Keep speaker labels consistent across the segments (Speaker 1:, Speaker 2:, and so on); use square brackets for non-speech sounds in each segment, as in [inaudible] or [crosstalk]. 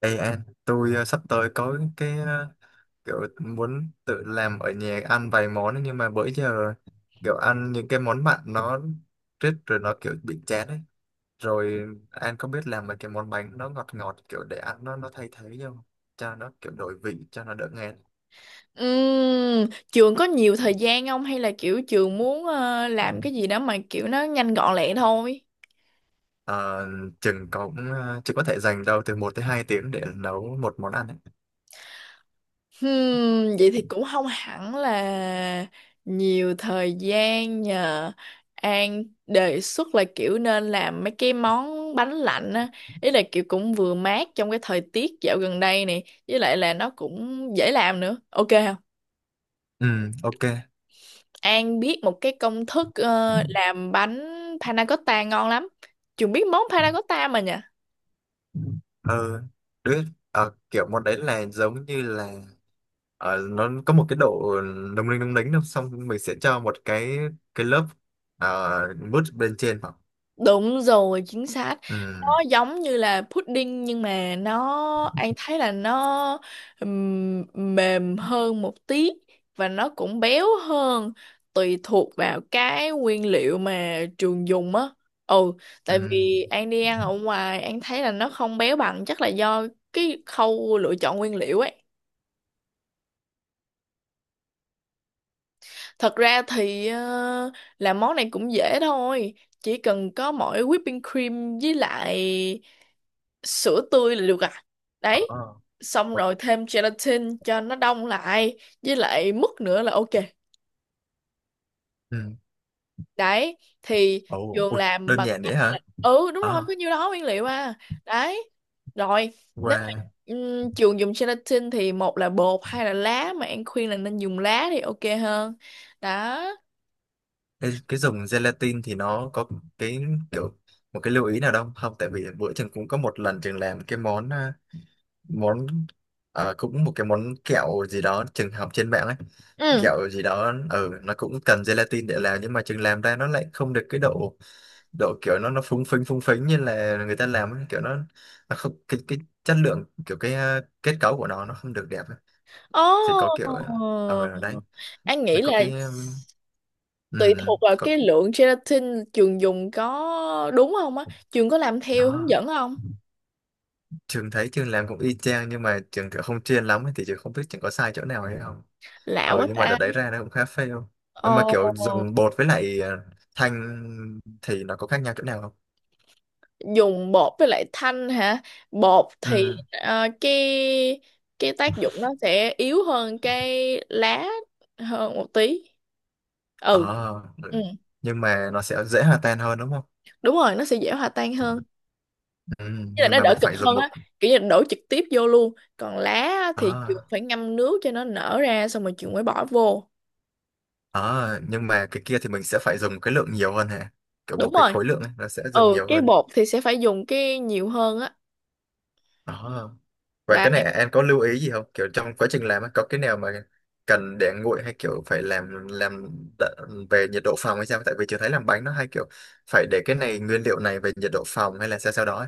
Speaker 1: Ê anh, tôi sắp tới có cái kiểu muốn tự làm ở nhà ăn vài món ấy, nhưng mà bữa giờ kiểu ăn những cái món mặn nó rít rồi nó kiểu bị chán ấy. Rồi anh có biết làm mấy cái món bánh nó ngọt ngọt kiểu để ăn nó thay thế không? Cho nó kiểu đổi vị, cho nó đỡ ngán.
Speaker 2: Ừm, trường có nhiều thời gian không hay là kiểu trường muốn làm cái gì đó mà kiểu nó nhanh gọn lẹ thôi?
Speaker 1: Ờ, chừng có cũng chỉ có thể dành đâu từ 1 tới 2 tiếng để nấu một món ăn ấy.
Speaker 2: Vậy thì cũng không hẳn là nhiều thời gian nhờ. An đề xuất là kiểu nên làm mấy cái món bánh lạnh á, ý là kiểu cũng vừa mát trong cái thời tiết dạo gần đây này với lại là nó cũng dễ làm nữa, ok không?
Speaker 1: Ừ, ok.
Speaker 2: An biết một cái công thức làm bánh panna cotta ngon lắm. Trường biết món panna cotta mà nhỉ.
Speaker 1: Ờ, đứa Kiểu món đấy là giống như là nó có một cái độ lung linh lung lính đâu, xong mình sẽ cho một cái lớp mút bên trên vào.
Speaker 2: Đúng rồi, chính xác.
Speaker 1: Ừ,
Speaker 2: Nó giống như là pudding nhưng mà nó anh thấy là nó mềm hơn một tí và nó cũng béo hơn tùy thuộc vào cái nguyên liệu mà trường dùng á. Ừ,
Speaker 1: ừ,
Speaker 2: tại vì anh đi ăn ở ngoài anh thấy là nó không béo bằng, chắc là do cái khâu lựa chọn nguyên liệu ấy. Thật ra thì làm món này cũng dễ thôi. Chỉ cần có mỗi whipping cream với lại sữa tươi là được à.
Speaker 1: ờ,
Speaker 2: Đấy. Xong
Speaker 1: ờ,
Speaker 2: rồi thêm gelatin cho nó đông lại. Với lại mứt nữa là ok.
Speaker 1: ừ.
Speaker 2: Đấy. Thì
Speaker 1: Ồ,
Speaker 2: Trường
Speaker 1: ui,
Speaker 2: làm
Speaker 1: đơn
Speaker 2: bằng
Speaker 1: giản
Speaker 2: cách
Speaker 1: vậy hả?
Speaker 2: là. Ừ đúng rồi,
Speaker 1: Ờ
Speaker 2: có nhiêu đó nguyên liệu à. Đấy. Rồi. Nếu mà
Speaker 1: qua
Speaker 2: Trường dùng gelatin thì một là bột hay là lá. Mà An khuyên là nên dùng lá thì ok hơn. Đó.
Speaker 1: Cái dùng gelatin thì nó có cái kiểu một cái lưu ý nào đâu không? Tại vì bữa trường cũng có một lần trường làm cái món à, món ờ, cũng một cái món kẹo gì đó trường học trên mạng ấy,
Speaker 2: Ừ.
Speaker 1: kẹo gì đó, ừ, nó cũng cần gelatin để làm, nhưng mà trường làm ra nó lại không được cái độ, độ kiểu nó phúng phính như là người ta làm ấy. Kiểu nó không cái cái chất lượng, kiểu cái kết cấu của nó không được đẹp ấy.
Speaker 2: Ồ,
Speaker 1: Thì có kiểu ở đấy
Speaker 2: An
Speaker 1: là
Speaker 2: nghĩ
Speaker 1: có
Speaker 2: là
Speaker 1: cái
Speaker 2: tùy thuộc vào
Speaker 1: có
Speaker 2: cái lượng gelatin trường dùng có đúng không á, trường có làm theo hướng
Speaker 1: nó
Speaker 2: dẫn không?
Speaker 1: trường thấy trường làm cũng y chang, nhưng mà trường kiểu không chuyên lắm ấy, thì trường không biết trường có sai chỗ nào hay không.
Speaker 2: Lạ
Speaker 1: Ừ,
Speaker 2: quá
Speaker 1: nhưng mà đợt
Speaker 2: ta.
Speaker 1: đấy ra nó cũng khá fail. Mà
Speaker 2: Ồ,
Speaker 1: kiểu dùng bột với lại thanh thì nó có khác nhau chỗ nào không?
Speaker 2: dùng bột với lại thanh hả? Bột thì
Speaker 1: Ừ,
Speaker 2: cái tác dụng nó sẽ yếu hơn cái lá hơn một tí. Ừ,
Speaker 1: ờ, ừ.
Speaker 2: ừ,
Speaker 1: Nhưng mà nó sẽ dễ hòa tan hơn đúng không?
Speaker 2: đúng rồi, nó sẽ dễ hòa tan hơn.
Speaker 1: Ừ,
Speaker 2: Thế là
Speaker 1: nhưng
Speaker 2: nó
Speaker 1: mà
Speaker 2: đỡ
Speaker 1: mình
Speaker 2: cực
Speaker 1: phải dùng
Speaker 2: hơn
Speaker 1: một.
Speaker 2: á, kiểu như đổ trực tiếp vô luôn. Còn lá á, thì trường
Speaker 1: À,
Speaker 2: phải ngâm nước cho nó nở ra xong rồi trường mới bỏ vô,
Speaker 1: à, nhưng mà cái kia thì mình sẽ phải dùng cái lượng nhiều hơn hả? Kiểu một
Speaker 2: đúng
Speaker 1: cái
Speaker 2: rồi.
Speaker 1: khối lượng ấy, nó sẽ dùng
Speaker 2: Ừ,
Speaker 1: nhiều
Speaker 2: cái
Speaker 1: hơn.
Speaker 2: bột thì sẽ phải dùng cái nhiều hơn á.
Speaker 1: À. Và
Speaker 2: Đấy.
Speaker 1: cái này em có lưu ý gì không? Kiểu trong quá trình làm ấy, có cái nào mà cần để nguội hay kiểu phải làm về nhiệt độ phòng hay sao? Tại vì chưa thấy làm bánh nó hay kiểu phải để cái này, nguyên liệu này về nhiệt độ phòng hay là sao sao đó ấy.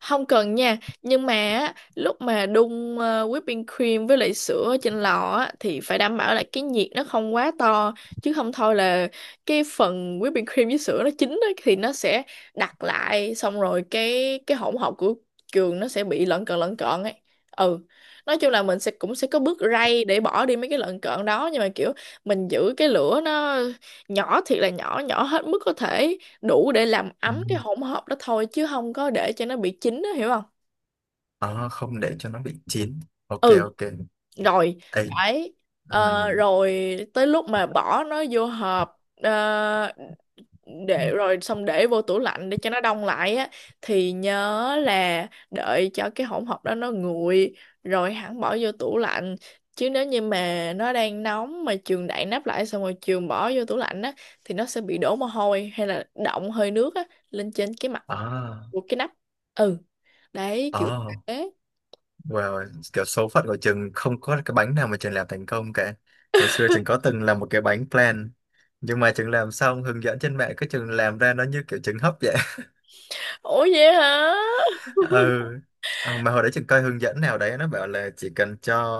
Speaker 2: Không cần nha, nhưng mà á, lúc mà đun whipping cream với lại sữa trên lò á, thì phải đảm bảo là cái nhiệt nó không quá to, chứ không thôi là cái phần whipping cream với sữa nó chín á, thì nó sẽ đặc lại xong rồi cái hỗn hợp của trường nó sẽ bị lợn cợn ấy. Ừ, nói chung là mình sẽ cũng sẽ có bước rây để bỏ đi mấy cái lợn cợn đó, nhưng mà kiểu mình giữ cái lửa nó nhỏ thiệt là nhỏ, nhỏ hết mức có thể đủ để làm
Speaker 1: Ừ.
Speaker 2: ấm cái hỗn hợp đó thôi chứ không có để cho nó bị chín đó, hiểu không?
Speaker 1: À, không để cho nó bị chín. Ok,
Speaker 2: Ừ.
Speaker 1: ok.
Speaker 2: Rồi.
Speaker 1: Ê.
Speaker 2: Đấy.
Speaker 1: Ừ.
Speaker 2: Rồi tới lúc mà bỏ nó vô hộp để rồi xong để vô tủ lạnh để cho nó đông lại á, thì nhớ là đợi cho cái hỗn hợp đó nó nguội rồi hẳn bỏ vô tủ lạnh, chứ nếu như mà nó đang nóng mà trường đậy nắp lại xong rồi trường bỏ vô tủ lạnh á, thì nó sẽ bị đổ mồ hôi hay là đọng hơi nước á lên trên cái mặt
Speaker 1: À.
Speaker 2: của cái nắp. Ừ, đấy kiểu
Speaker 1: À.
Speaker 2: thế.
Speaker 1: Wow, kiểu số phận của Trường không có cái bánh nào mà Trường làm thành công cả. Hồi xưa Trường có từng làm một cái bánh plan, nhưng mà Trường làm xong hướng dẫn trên mạng, cái Trường làm ra nó như kiểu trứng hấp vậy.
Speaker 2: Ủa vậy hả?
Speaker 1: [laughs]
Speaker 2: [laughs]
Speaker 1: Ừ. Mà hồi đấy Trường coi hướng dẫn nào đấy nó bảo là chỉ cần cho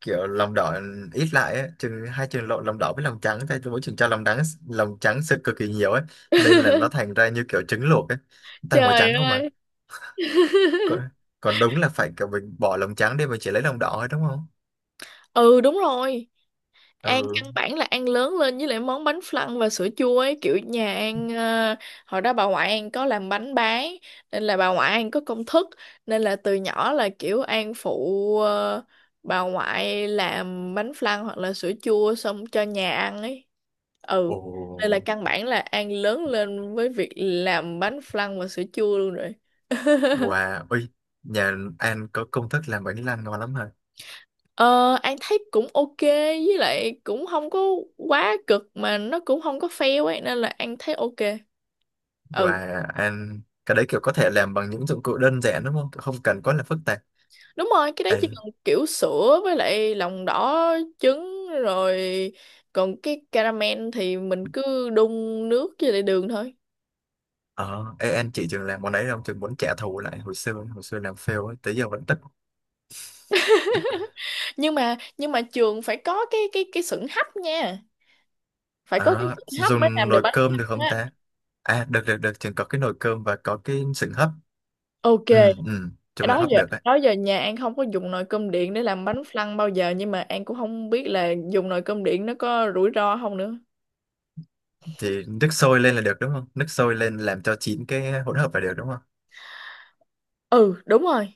Speaker 1: kiểu lòng đỏ ít lại ấy. Trường lộn lòng đỏ với lòng trắng, thôi mỗi trường cho lòng trắng, lòng trắng sự cực kỳ nhiều ấy, nên là nó thành ra như kiểu trứng luộc ấy, toàn màu
Speaker 2: Trời
Speaker 1: trắng không mà.
Speaker 2: ơi. [laughs]
Speaker 1: Còn, còn đúng là phải kiểu mình bỏ lòng trắng đi, mình chỉ lấy lòng đỏ thôi đúng không?
Speaker 2: Ừ đúng rồi. An
Speaker 1: Ừ.
Speaker 2: căn bản là An lớn lên với lại món bánh flan và sữa chua ấy, kiểu nhà An hồi đó bà ngoại An có làm bánh bán, nên là bà ngoại An có công thức, nên là từ nhỏ là kiểu An phụ bà ngoại làm bánh flan hoặc là sữa chua xong cho nhà ăn ấy. Ừ,
Speaker 1: Ồ,
Speaker 2: nên là căn bản là An lớn lên với việc làm bánh flan và sữa chua luôn rồi. [laughs]
Speaker 1: wow, ui, nhà anh có công thức làm bánh lan ngon lắm hả?
Speaker 2: Ờ, An thấy cũng ok, với lại cũng không có quá cực mà nó cũng không có fail ấy, nên là An thấy ok. Ừ,
Speaker 1: Wow, anh, cái đấy kiểu có thể làm bằng những dụng cụ đơn giản đúng không? Không cần quá là phức tạp.
Speaker 2: đúng rồi, cái đấy
Speaker 1: Ê,
Speaker 2: chỉ cần kiểu sữa với lại lòng đỏ trứng rồi, còn cái caramel thì mình cứ đun nước với lại đường thôi.
Speaker 1: ờ, ê, anh chị trường làm món đấy không? Trường muốn trả thù lại hồi xưa làm fail ấy, tới giờ vẫn tức.
Speaker 2: Nhưng mà trường phải có cái sửng hấp nha. Phải có cái
Speaker 1: Ờ,
Speaker 2: sửng hấp mới
Speaker 1: dùng
Speaker 2: làm được
Speaker 1: nồi
Speaker 2: bánh
Speaker 1: cơm được
Speaker 2: căn
Speaker 1: không
Speaker 2: á.
Speaker 1: ta? À, được, được, được, trường có cái nồi cơm và có cái sừng hấp.
Speaker 2: Ok,
Speaker 1: Ừ, ừ, chung là
Speaker 2: đó
Speaker 1: hấp
Speaker 2: giờ
Speaker 1: được đấy.
Speaker 2: đó giờ nhà An không có dùng nồi cơm điện để làm bánh flan bao giờ, nhưng mà An cũng không biết là dùng nồi cơm điện nó có rủi ro không nữa.
Speaker 1: Thì nước sôi lên là được đúng không? Nước sôi lên làm cho chín cái hỗn hợp là được đúng không?
Speaker 2: Ừ đúng rồi.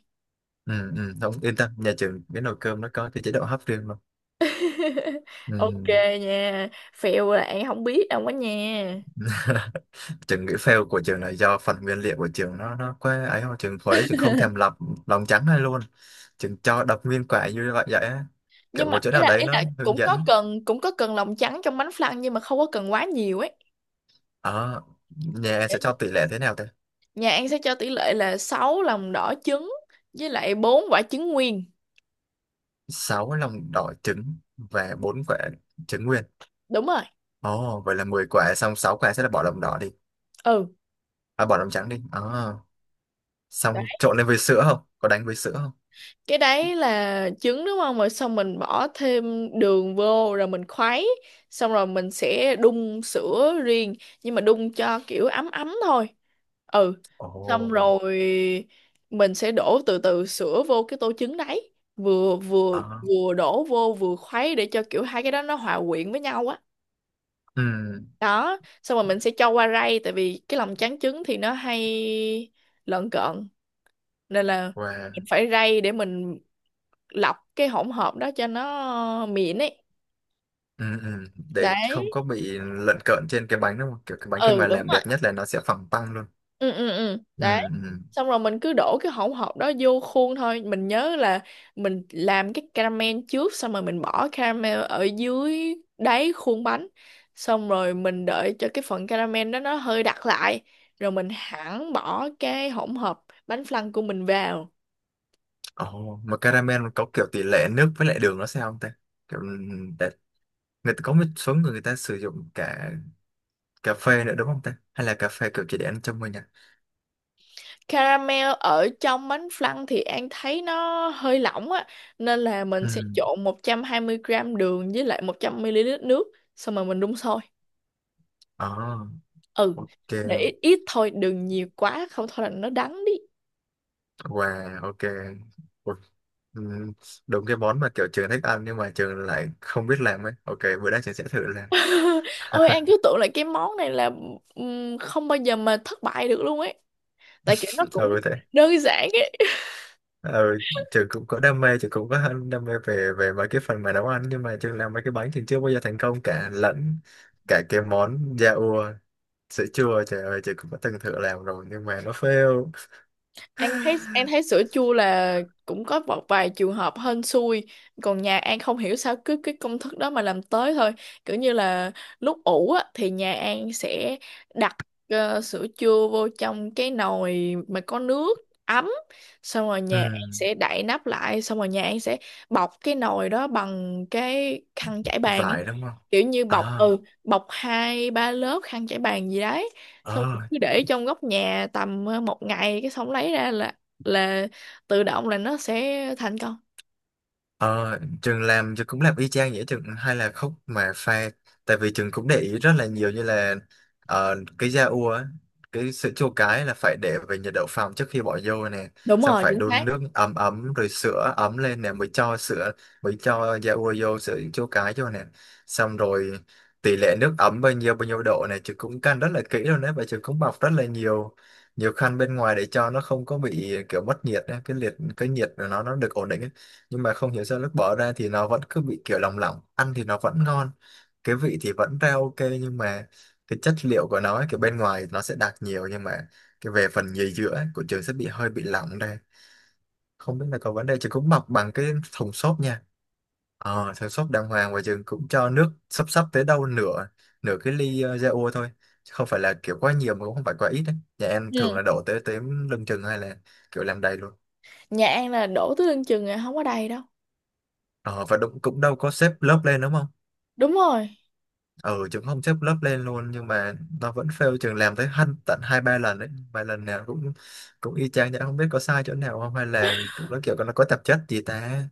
Speaker 1: Ừ, ừ. Không yên tâm, nhà trường cái nồi cơm nó có cái chế độ hấp riêng luôn.
Speaker 2: [laughs] Ok
Speaker 1: Ừ.
Speaker 2: nha, phèo là An không biết đâu quá nha.
Speaker 1: [laughs] Trường nghĩ fail của trường là do phần nguyên liệu của trường nó quá ấy không, trường hồi đấy trường không thèm lọc lòng trắng hay luôn, trường cho đập nguyên quả như vậy vậy á.
Speaker 2: Nhưng
Speaker 1: Kiểu
Speaker 2: mà
Speaker 1: một chỗ
Speaker 2: ý
Speaker 1: nào
Speaker 2: là
Speaker 1: đấy
Speaker 2: ý
Speaker 1: nó
Speaker 2: là
Speaker 1: hướng
Speaker 2: cũng có
Speaker 1: dẫn.
Speaker 2: cần cũng có cần lòng trắng trong bánh flan nhưng mà không có cần quá nhiều ấy.
Speaker 1: ờ Nhà em sẽ cho tỷ lệ thế nào thế?
Speaker 2: Nhà An sẽ cho tỷ lệ là 6 lòng đỏ trứng với lại 4 quả trứng nguyên,
Speaker 1: 6 lòng đỏ trứng và 4 quả trứng nguyên.
Speaker 2: đúng rồi.
Speaker 1: Ồ, vậy là 10 quả, xong 6 quả sẽ là bỏ lòng đỏ đi.
Speaker 2: Ừ,
Speaker 1: À, bỏ lòng trắng đi. Ờ Xong trộn lên với sữa, không có đánh với sữa không?
Speaker 2: cái đấy là trứng đúng không, rồi xong mình bỏ thêm đường vô rồi mình khuấy, xong rồi mình sẽ đun sữa riêng, nhưng mà đun cho kiểu ấm ấm thôi. Ừ,
Speaker 1: Ồ.
Speaker 2: xong rồi mình sẽ đổ từ từ sữa vô cái tô trứng đấy, vừa vừa
Speaker 1: Ờ.
Speaker 2: vừa đổ vô vừa khuấy để cho kiểu hai cái đó nó hòa quyện với nhau á.
Speaker 1: Ừ.
Speaker 2: Đó, xong rồi mình sẽ cho qua rây tại vì cái lòng trắng trứng thì nó hay lợn cợn, nên là
Speaker 1: Wow.
Speaker 2: mình phải rây để mình lọc cái hỗn hợp đó cho nó mịn ấy.
Speaker 1: Ừ, ừ. Để không
Speaker 2: Đấy.
Speaker 1: có bị lận cợn trên cái bánh đúng không, kiểu cái bánh khi
Speaker 2: Ừ
Speaker 1: mà
Speaker 2: đúng
Speaker 1: làm
Speaker 2: rồi.
Speaker 1: đẹp nhất là nó sẽ phẳng tăng luôn.
Speaker 2: Ừ ừ ừ.
Speaker 1: Ừ,
Speaker 2: Đấy.
Speaker 1: ừ.
Speaker 2: Xong rồi mình cứ đổ cái hỗn hợp đó vô khuôn thôi, mình nhớ là mình làm cái caramel trước, xong rồi mình bỏ caramel ở dưới đáy khuôn bánh, xong rồi mình đợi cho cái phần caramel đó nó hơi đặc lại rồi mình hẳn bỏ cái hỗn hợp bánh flan của mình vào.
Speaker 1: Ồ, mà caramel có kiểu tỷ lệ nước với lại đường nó sao không ta? Kiểu, ừ, để, người ta có một số người người ta sử dụng cả cà phê nữa đúng không ta, hay là cà phê kiểu chỉ để ăn trong mình à?
Speaker 2: Caramel ở trong bánh flan thì An thấy nó hơi lỏng á, nên là mình
Speaker 1: Ừ.
Speaker 2: sẽ trộn 120 gram đường với lại 100 ml nước xong rồi mình đun sôi.
Speaker 1: Ồ.
Speaker 2: Ừ,
Speaker 1: Ok.
Speaker 2: để ít, ít thôi, đừng nhiều quá không thôi là nó đắng đi.
Speaker 1: Wow, ok. Ủa, ừ, đúng cái món mà kiểu trường thích ăn nhưng mà trường lại không biết làm ấy. Ok, bữa nay trường sẽ thử làm.
Speaker 2: [laughs] Ôi An cứ
Speaker 1: [laughs]
Speaker 2: tưởng là cái món này là không bao giờ mà thất bại được luôn ấy. Tại kiểu nó
Speaker 1: Ừ
Speaker 2: cũng
Speaker 1: thế.
Speaker 2: đơn giản.
Speaker 1: Ừ, trường cũng có đam mê, trường cũng có hơn đam mê về về mấy cái phần mà nấu ăn, nhưng mà trường làm mấy cái bánh trường chưa bao giờ thành công cả, lẫn cả cái món da ua, sữa chua, trời ơi trường cũng đã từng thử làm rồi nhưng mà nó fail.
Speaker 2: An
Speaker 1: [laughs]
Speaker 2: thấy An thấy sữa chua là cũng có một vài trường hợp hên xui, còn nhà An không hiểu sao cứ cái công thức đó mà làm tới thôi, kiểu như là lúc ủ á, thì nhà An sẽ đặt sữa chua vô trong cái nồi mà có nước ấm, xong rồi
Speaker 1: Ừ,
Speaker 2: nhà An sẽ đậy nắp lại xong rồi nhà An sẽ bọc cái nồi đó bằng cái khăn trải bàn ấy,
Speaker 1: vải đúng không?
Speaker 2: kiểu như bọc
Speaker 1: À,
Speaker 2: ừ bọc hai ba lớp khăn trải bàn gì đấy, xong
Speaker 1: ờ.
Speaker 2: rồi cứ để trong góc nhà tầm một ngày cái xong lấy ra là là tự động là nó sẽ thành công.
Speaker 1: Ờ, Trường làm, Trường cũng làm y chang vậy, Trường hay là khúc mà pha, tại vì Trường cũng để ý rất là nhiều như là cái da ua á, cái sữa chua cái là phải để về nhiệt độ phòng trước khi bỏ vô nè,
Speaker 2: Đúng
Speaker 1: xong
Speaker 2: rồi,
Speaker 1: phải
Speaker 2: chính
Speaker 1: đun
Speaker 2: xác.
Speaker 1: nước ấm ấm rồi sữa ấm lên nè, mới cho sữa, mới cho da ua vô sữa chua cái vô nè, xong rồi tỷ lệ nước ấm bao nhiêu độ này Trường cũng căn rất là kỹ luôn đấy, và Trường cũng bọc rất là nhiều, nhiều khăn bên ngoài để cho nó không có bị kiểu mất nhiệt á, cái nhiệt của nó được ổn định á, nhưng mà không hiểu sao lúc bỏ ra thì nó vẫn cứ bị kiểu lòng lỏng, ăn thì nó vẫn ngon, cái vị thì vẫn ra ok, nhưng mà cái chất liệu của nó ấy, kiểu bên ngoài nó sẽ đặc nhiều, nhưng mà cái về phần nhì giữa ấy, của trường sẽ bị hơi bị lỏng đây. Không biết là có vấn đề, trường cũng bọc bằng cái thùng xốp nha, thùng xốp đàng hoàng, và trường cũng cho nước sắp sắp tới đâu nửa nửa cái ly ra thôi. Chứ không phải là kiểu quá nhiều mà cũng không phải quá ít đấy, nhà em thường
Speaker 2: Ừ.
Speaker 1: là đổ tới tới lưng chừng hay là kiểu làm đầy luôn.
Speaker 2: Nhà An là đổ tới lưng chừng à, không có đầy đâu,
Speaker 1: Ờ và đúng, cũng đâu có xếp lớp lên đúng không?
Speaker 2: đúng rồi.
Speaker 1: Ừ, chúng không xếp lớp lên luôn, nhưng mà nó vẫn fail, trường làm tới tận hai ba lần đấy, và lần nào cũng cũng y chang vậy, không biết có sai chỗ nào không, hay là kiểu nó, kiểu nó có tạp chất gì ta.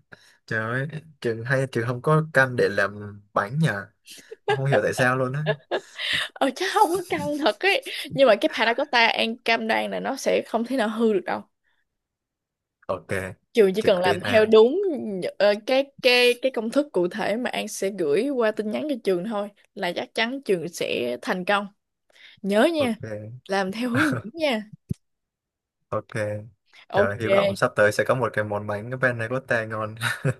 Speaker 1: Trời ơi, trường hay, trường không có căn để làm bánh nhờ, không hiểu tại sao luôn á.
Speaker 2: Ờ Chắc không có căng thật ấy, nhưng mà cái panna cotta An cam đoan là nó sẽ không thể nào hư được đâu.
Speaker 1: Ok.
Speaker 2: Trường chỉ cần
Speaker 1: Trực
Speaker 2: làm
Speaker 1: tiên
Speaker 2: theo
Speaker 1: an.
Speaker 2: đúng cái công thức cụ thể mà An sẽ gửi qua tin nhắn cho trường thôi là chắc chắn trường sẽ thành công. Nhớ nha,
Speaker 1: Ok.
Speaker 2: làm theo hướng dẫn
Speaker 1: [laughs]
Speaker 2: nha.
Speaker 1: Ok. Trời,
Speaker 2: Ok.
Speaker 1: hy vọng sắp tới sẽ có một cái món bánh bên này có tè ngon.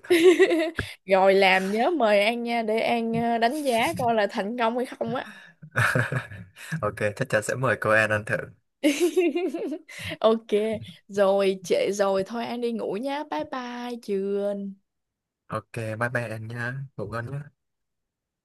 Speaker 2: [laughs] Rồi làm nhớ mời An nha để An đánh giá coi là thành công hay không á.
Speaker 1: [laughs] Ok, chắc chắn sẽ mời cô An ăn thử.
Speaker 2: [laughs] Ok. Rồi trễ rồi thôi An đi ngủ nhá, bye bye chưa?
Speaker 1: Ok. Bye bye An nha, ngủ ngon nhé.